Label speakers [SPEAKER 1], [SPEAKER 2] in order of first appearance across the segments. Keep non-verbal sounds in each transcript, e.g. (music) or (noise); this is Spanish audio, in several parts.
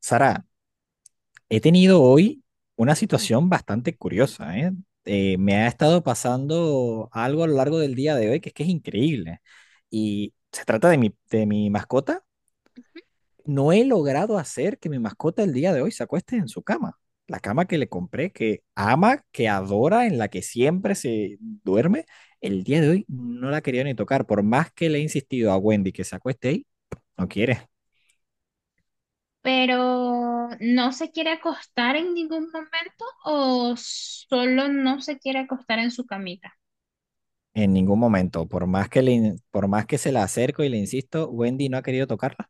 [SPEAKER 1] Sara, he tenido hoy una situación bastante curiosa, ¿eh? Me ha estado pasando algo a lo largo del día de hoy que es increíble. Y se trata de mi mascota. No he logrado hacer que mi mascota el día de hoy se acueste en su cama. La cama que le compré, que ama, que adora, en la que siempre se duerme. El día de hoy no la quería ni tocar. Por más que le he insistido a Wendy que se acueste ahí, no quiere.
[SPEAKER 2] Pero no se quiere acostar en ningún momento o solo no se quiere acostar en su camita.
[SPEAKER 1] En ningún momento, por más que por más que se la acerco y le insisto, Wendy no ha querido tocarla,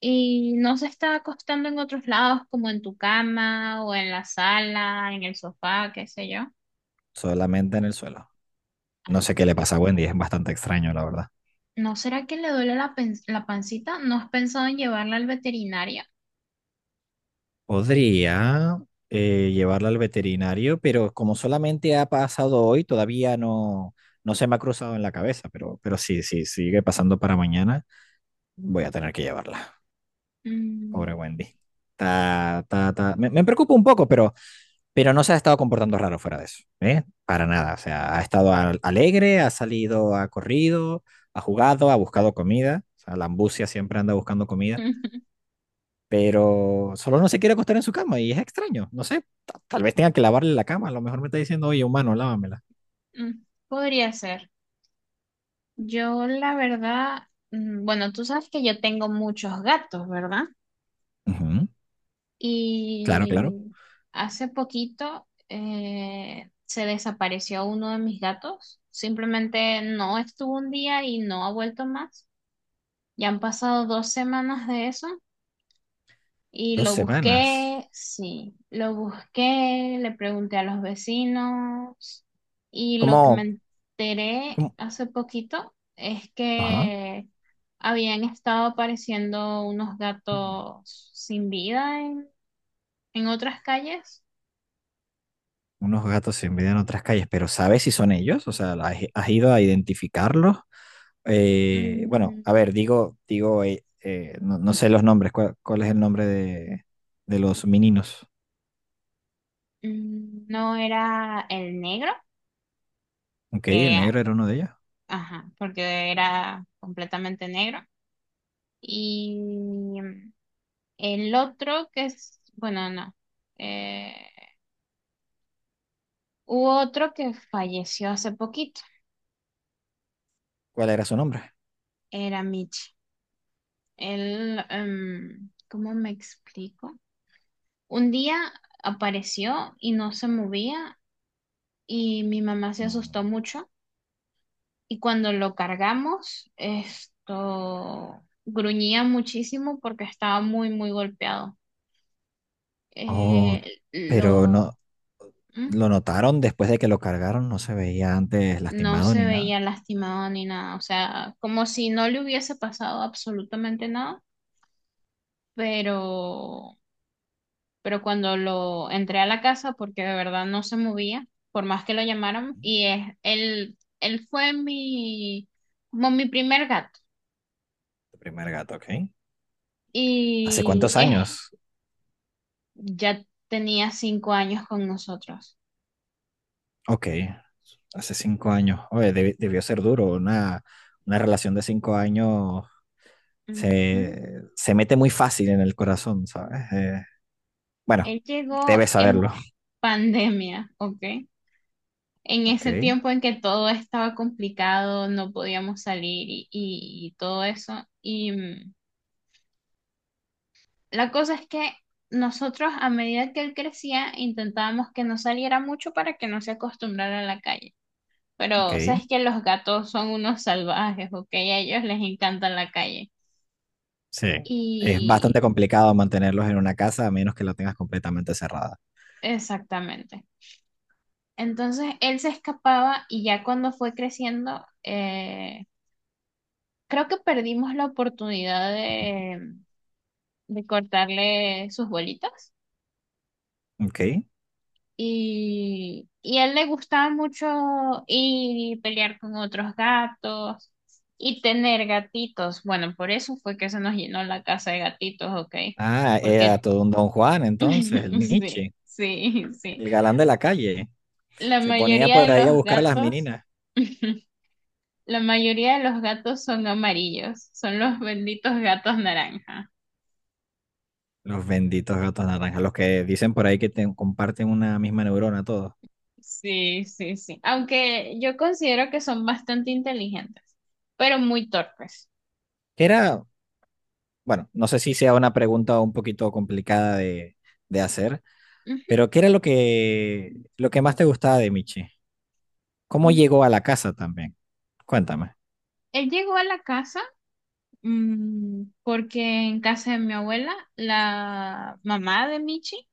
[SPEAKER 2] Y no se está acostando en otros lados, como en tu cama o en la sala, en el sofá, qué sé yo.
[SPEAKER 1] solamente en el suelo. No
[SPEAKER 2] Ah.
[SPEAKER 1] sé qué le pasa a Wendy, es bastante extraño, la verdad.
[SPEAKER 2] ¿No será que le duele la, la pancita? ¿No has pensado en llevarla al veterinario?
[SPEAKER 1] Podría llevarla al veterinario, pero como solamente ha pasado hoy, todavía no, no se me ha cruzado en la cabeza, pero sí, sí, sigue pasando para mañana, voy a tener que llevarla. Pobre
[SPEAKER 2] Mm,
[SPEAKER 1] Wendy. Ta, ta, ta. Me preocupa un poco, pero no se ha estado comportando raro fuera de eso, ¿eh? Para nada, o sea, ha estado alegre, ha salido, ha corrido, ha jugado, ha buscado comida, o sea, la ambucia siempre anda buscando comida,
[SPEAKER 2] (laughs)
[SPEAKER 1] pero solo no se quiere acostar en su cama y es extraño, no sé, tal vez tenga que lavarle la cama, a lo mejor me está diciendo, oye, humano, lávamela.
[SPEAKER 2] mm, Podría ser. Yo, la verdad, bueno, tú sabes que yo tengo muchos gatos, ¿verdad?
[SPEAKER 1] Ujú. Claro, claro.
[SPEAKER 2] Y hace poquito se desapareció uno de mis gatos. Simplemente no estuvo un día y no ha vuelto más. Ya han pasado 2 semanas de eso y
[SPEAKER 1] Dos
[SPEAKER 2] lo
[SPEAKER 1] semanas.
[SPEAKER 2] busqué, sí, lo busqué, le pregunté a los vecinos y lo que me
[SPEAKER 1] ¿Cómo?
[SPEAKER 2] enteré
[SPEAKER 1] ¿Cómo?
[SPEAKER 2] hace poquito es
[SPEAKER 1] Ajá.
[SPEAKER 2] que habían estado apareciendo unos gatos sin vida en otras calles.
[SPEAKER 1] Unos gatos se envidian otras calles, pero ¿sabes si son ellos? O sea, ¿has, has ido a identificarlos? Bueno, a
[SPEAKER 2] Mm,
[SPEAKER 1] ver, digo, no, no sé los nombres. ¿Cuál es el nombre de los meninos?
[SPEAKER 2] no era el negro,
[SPEAKER 1] Ok, el
[SPEAKER 2] que,
[SPEAKER 1] negro era uno de ellos.
[SPEAKER 2] ajá, porque era completamente negro. Y mm, el otro que es, bueno, no. Eh, Hubo otro que falleció hace poquito,
[SPEAKER 1] ¿Cuál era su nombre?
[SPEAKER 2] era Mitch. Él, ¿cómo me explico? Un día apareció y no se movía y mi mamá se asustó
[SPEAKER 1] Mm.
[SPEAKER 2] mucho. Y cuando lo cargamos, esto gruñía muchísimo porque estaba muy, muy golpeado.
[SPEAKER 1] Oh,
[SPEAKER 2] Eh,
[SPEAKER 1] pero
[SPEAKER 2] lo,
[SPEAKER 1] no,
[SPEAKER 2] ¿Mm?
[SPEAKER 1] lo notaron después de que lo cargaron, no se veía antes
[SPEAKER 2] No
[SPEAKER 1] lastimado
[SPEAKER 2] se
[SPEAKER 1] ni nada.
[SPEAKER 2] veía lastimado ni nada, o sea, como si no le hubiese pasado absolutamente nada, pero, pero cuando lo entré a la casa, porque de verdad no se movía, por más que lo llamaran, él fue como mi primer gato.
[SPEAKER 1] Tu primer gato, ok. ¿Hace
[SPEAKER 2] Y
[SPEAKER 1] cuántos
[SPEAKER 2] es
[SPEAKER 1] años?
[SPEAKER 2] Ya tenía 5 años con nosotros.
[SPEAKER 1] Ok, hace 5 años. Oye, debió ser duro. Una relación de 5 años
[SPEAKER 2] Ujú.
[SPEAKER 1] se, se mete muy fácil en el corazón, ¿sabes? Bueno,
[SPEAKER 2] Él llegó
[SPEAKER 1] debes
[SPEAKER 2] en
[SPEAKER 1] saberlo.
[SPEAKER 2] pandemia, ¿ok? En ese
[SPEAKER 1] Ok,
[SPEAKER 2] tiempo en que todo estaba complicado, no podíamos salir y todo eso. Y la cosa es que nosotros, a medida que él crecía, intentábamos que no saliera mucho para que no se acostumbrara a la calle. Pero
[SPEAKER 1] ok.
[SPEAKER 2] sabes que los gatos son unos salvajes, ¿ok? A ellos les encanta la calle.
[SPEAKER 1] Sí. Es bastante
[SPEAKER 2] Y
[SPEAKER 1] complicado mantenerlos en una casa a menos que la tengas completamente cerrada.
[SPEAKER 2] exactamente. Entonces él se escapaba y ya cuando fue creciendo, creo que perdimos la oportunidad de cortarle sus bolitas.
[SPEAKER 1] Ujú. Ok.
[SPEAKER 2] Y a él le gustaba mucho ir y pelear con otros gatos y tener gatitos. Bueno, por eso fue que se nos llenó la casa de gatitos, ¿ok?
[SPEAKER 1] Ah, era
[SPEAKER 2] Porque
[SPEAKER 1] todo un Don Juan entonces, el
[SPEAKER 2] (laughs) sí,
[SPEAKER 1] Michi,
[SPEAKER 2] sí, sí.
[SPEAKER 1] el galán de la calle.
[SPEAKER 2] La
[SPEAKER 1] Se ponía
[SPEAKER 2] mayoría
[SPEAKER 1] por
[SPEAKER 2] de
[SPEAKER 1] ahí a
[SPEAKER 2] los
[SPEAKER 1] buscar a las
[SPEAKER 2] gatos
[SPEAKER 1] meninas.
[SPEAKER 2] La mayoría de los gatos son amarillos, son los benditos gatos naranja.
[SPEAKER 1] Los benditos gatos naranjas, los que dicen por ahí que comparten una misma neurona todos.
[SPEAKER 2] Sí, sí, sí. Aunque yo considero que son bastante inteligentes, pero muy torpes.
[SPEAKER 1] Que era, bueno, no sé si sea una pregunta un poquito complicada de hacer,
[SPEAKER 2] Ujú,
[SPEAKER 1] pero ¿qué era lo que más te gustaba de Michi? ¿Cómo
[SPEAKER 2] ujú.
[SPEAKER 1] llegó a la casa también? Cuéntame.
[SPEAKER 2] Él llegó a la casa porque en casa de mi abuela, la mamá de Michi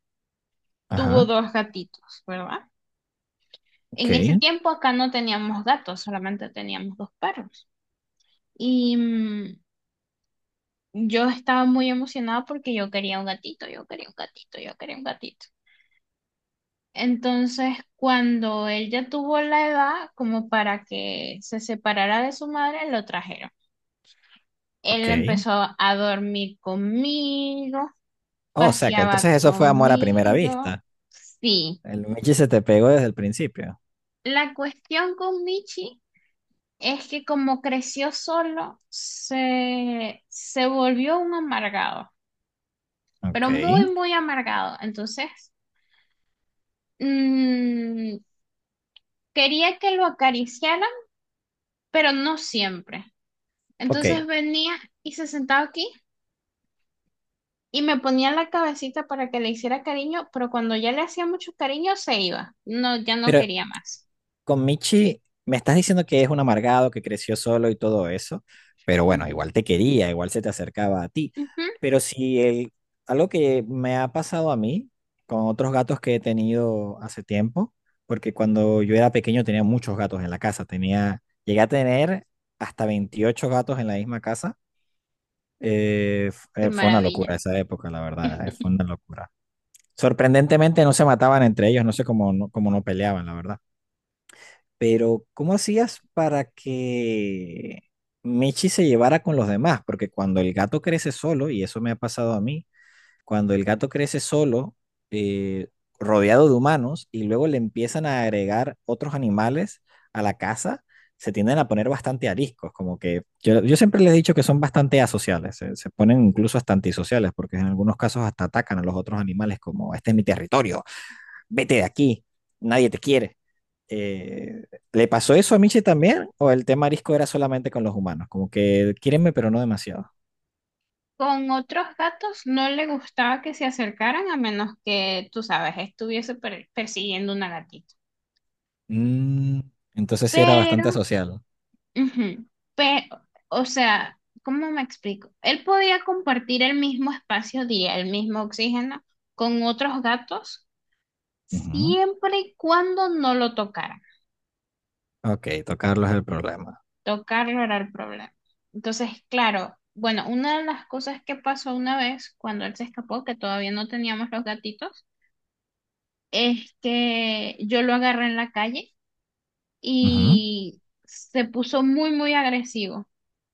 [SPEAKER 2] tuvo
[SPEAKER 1] Ajá,
[SPEAKER 2] dos gatitos, ¿verdad?
[SPEAKER 1] ok,
[SPEAKER 2] En ese tiempo acá no teníamos gatos, solamente teníamos dos perros. Y yo estaba muy emocionada porque yo quería un gatito, yo quería un gatito, yo quería un gatito. Entonces, cuando él ya tuvo la edad como para que se separara de su madre, lo trajeron.
[SPEAKER 1] ok.
[SPEAKER 2] Él empezó a dormir conmigo,
[SPEAKER 1] Oh, o sea que
[SPEAKER 2] paseaba
[SPEAKER 1] entonces eso fue amor a primera
[SPEAKER 2] conmigo.
[SPEAKER 1] vista.
[SPEAKER 2] Sí,
[SPEAKER 1] El Michi se te pegó desde el principio.
[SPEAKER 2] la cuestión con Michi es que como creció solo, se volvió un amargado,
[SPEAKER 1] Ok,
[SPEAKER 2] pero muy, muy amargado. Entonces... mm, quería que lo acariciaran, pero no siempre.
[SPEAKER 1] ok.
[SPEAKER 2] Entonces venía y se sentaba aquí y me ponía la cabecita para que le hiciera cariño, pero cuando ya le hacía mucho cariño se iba. No, ya no
[SPEAKER 1] Pero
[SPEAKER 2] quería más.
[SPEAKER 1] con Michi me estás diciendo que es un amargado, que creció solo y todo eso, pero bueno,
[SPEAKER 2] Ujú,
[SPEAKER 1] igual te quería, igual se te acercaba a ti.
[SPEAKER 2] ujú.
[SPEAKER 1] Pero si el, algo que me ha pasado a mí con otros gatos que he tenido hace tiempo, porque cuando yo era pequeño tenía muchos gatos en la casa, tenía, llegué a tener hasta 28 gatos en la misma casa.
[SPEAKER 2] Qué
[SPEAKER 1] Fue una
[SPEAKER 2] maravilla.
[SPEAKER 1] locura esa época, la verdad,
[SPEAKER 2] (laughs)
[SPEAKER 1] fue una locura. Sorprendentemente no se mataban entre ellos, no sé cómo no peleaban, la verdad. Pero, ¿cómo hacías para que Michi se llevara con los demás? Porque cuando el gato crece solo, y eso me ha pasado a mí, cuando el gato crece solo, eh, rodeado de humanos, y luego le empiezan a agregar otros animales a la casa, se tienden a poner bastante ariscos, como que yo siempre les he dicho que son bastante asociales, se ponen incluso hasta antisociales, porque en algunos casos hasta atacan a los otros animales como, este es mi territorio, vete de aquí, nadie te quiere. Eh, ¿Le pasó eso a Michi también? ¿O el tema arisco era solamente con los humanos? Como que quiérenme, pero no demasiado.
[SPEAKER 2] Con otros gatos no le gustaba que se acercaran a menos que, tú sabes, estuviese persiguiendo una gatita.
[SPEAKER 1] Mm, entonces sí era
[SPEAKER 2] Pero
[SPEAKER 1] bastante asocial.
[SPEAKER 2] Ujú. Pero, o sea, ¿cómo me explico? Él podía compartir el mismo espacio, diría, el mismo oxígeno con otros gatos
[SPEAKER 1] Ujú.
[SPEAKER 2] siempre y cuando no lo tocaran.
[SPEAKER 1] Ok, tocarlo es el problema.
[SPEAKER 2] Tocarlo era el problema. Entonces, claro, bueno, una de las cosas que pasó una vez cuando él se escapó, que todavía no teníamos los gatitos, es que yo lo agarré en la calle
[SPEAKER 1] Ujú.
[SPEAKER 2] y se puso muy, muy agresivo.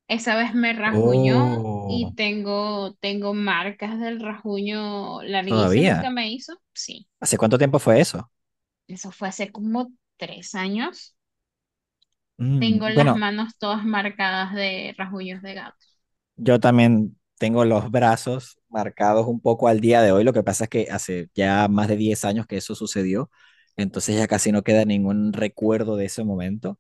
[SPEAKER 2] Esa vez me rajuñó y
[SPEAKER 1] Oh,
[SPEAKER 2] tengo marcas del rajuño larguísimo que
[SPEAKER 1] todavía.
[SPEAKER 2] me hizo. Sí,
[SPEAKER 1] ¿Hace cuánto tiempo fue eso?
[SPEAKER 2] eso fue hace como 3 años. Tengo
[SPEAKER 1] Mm,
[SPEAKER 2] las
[SPEAKER 1] bueno,
[SPEAKER 2] manos todas marcadas de rajuños de gato.
[SPEAKER 1] yo también tengo los brazos marcados un poco al día de hoy. Lo que pasa es que hace ya más de 10 años que eso sucedió. Entonces ya casi no queda ningún recuerdo de ese momento.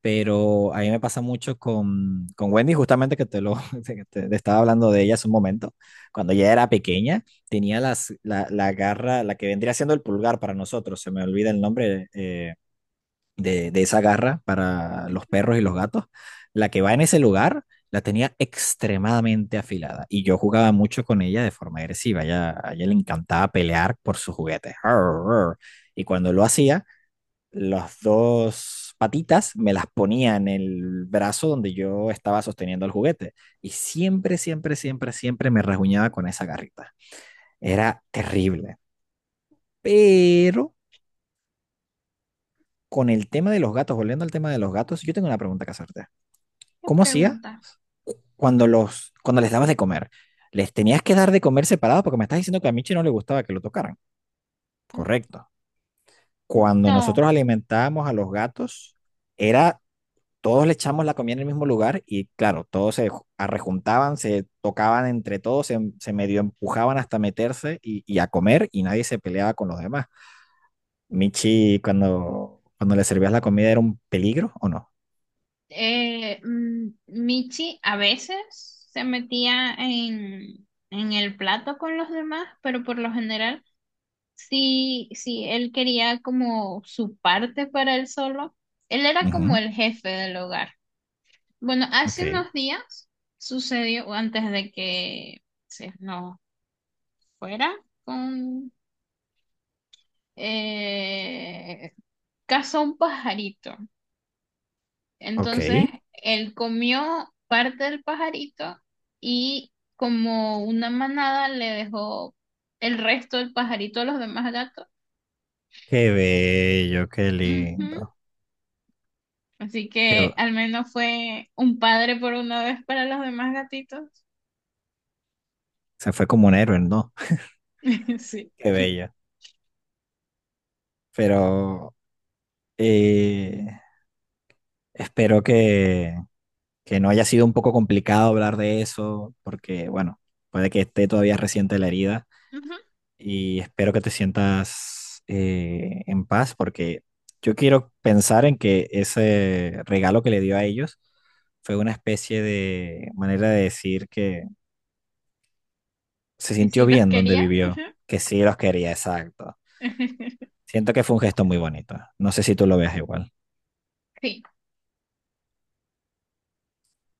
[SPEAKER 1] Pero a mí me pasa mucho con Wendy, justamente que te lo (laughs) te estaba hablando de ella hace un momento. Cuando ella era pequeña, tenía la garra, la que vendría siendo el pulgar para nosotros, se me olvida el nombre de esa garra para los perros y los gatos. La que va en ese lugar, la tenía extremadamente afilada. Y yo jugaba mucho con ella de forma agresiva. A ella le encantaba pelear por sus juguetes. Arr, arr. Y cuando lo hacía las dos patitas me las ponía en el brazo donde yo estaba sosteniendo el juguete. Y siempre me rasguñaba con esa garrita. Era terrible. Pero con el tema de los gatos, volviendo al tema de los gatos, yo tengo una pregunta que hacerte.
[SPEAKER 2] ¿Qué
[SPEAKER 1] ¿Cómo hacía
[SPEAKER 2] pregunta?
[SPEAKER 1] cuando les dabas de comer? ¿Les tenías que dar de comer separado? Porque me estás diciendo que a Michi no le gustaba que lo tocaran.
[SPEAKER 2] Mm,
[SPEAKER 1] Correcto. Cuando
[SPEAKER 2] No,
[SPEAKER 1] nosotros alimentábamos a los gatos, era todos le echamos la comida en el mismo lugar y claro, todos se arrejuntaban, se tocaban entre todos, se medio empujaban hasta meterse y a comer y nadie se peleaba con los demás. Michi, cuando le servías la comida, ¿era un peligro o no?
[SPEAKER 2] Michi a veces se metía en el plato con los demás, pero por lo general sí, sí, él quería como su parte para él solo. Él era como
[SPEAKER 1] Ujú.
[SPEAKER 2] el jefe del hogar. Bueno,
[SPEAKER 1] Ok,
[SPEAKER 2] hace unos días sucedió, o antes de que se nos fuera, con eh, cazó un pajarito. Entonces,
[SPEAKER 1] ok.
[SPEAKER 2] él comió parte del pajarito y como una manada le dejó el resto del pajarito a los demás gatos.
[SPEAKER 1] Qué bello, qué
[SPEAKER 2] Ujú.
[SPEAKER 1] lindo.
[SPEAKER 2] Así
[SPEAKER 1] Qué, bu-
[SPEAKER 2] que al menos fue un padre por una vez para los demás gatitos.
[SPEAKER 1] se fue como un héroe, ¿no? (laughs)
[SPEAKER 2] (laughs) Sí.
[SPEAKER 1] Qué bello. Pero eh, espero que no haya sido un poco complicado hablar de eso, porque bueno, puede que esté todavía reciente la herida
[SPEAKER 2] Ujú.
[SPEAKER 1] y espero que te sientas en paz, porque yo quiero pensar en que ese regalo que le dio a ellos fue una especie de manera de decir que se
[SPEAKER 2] Que
[SPEAKER 1] sintió
[SPEAKER 2] sí los
[SPEAKER 1] bien donde
[SPEAKER 2] quería. Ujú.
[SPEAKER 1] vivió, que sí los quería, exacto.
[SPEAKER 2] (laughs)
[SPEAKER 1] Siento que fue un gesto muy bonito. No sé si tú lo veas igual.
[SPEAKER 2] Sí.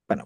[SPEAKER 1] Bueno,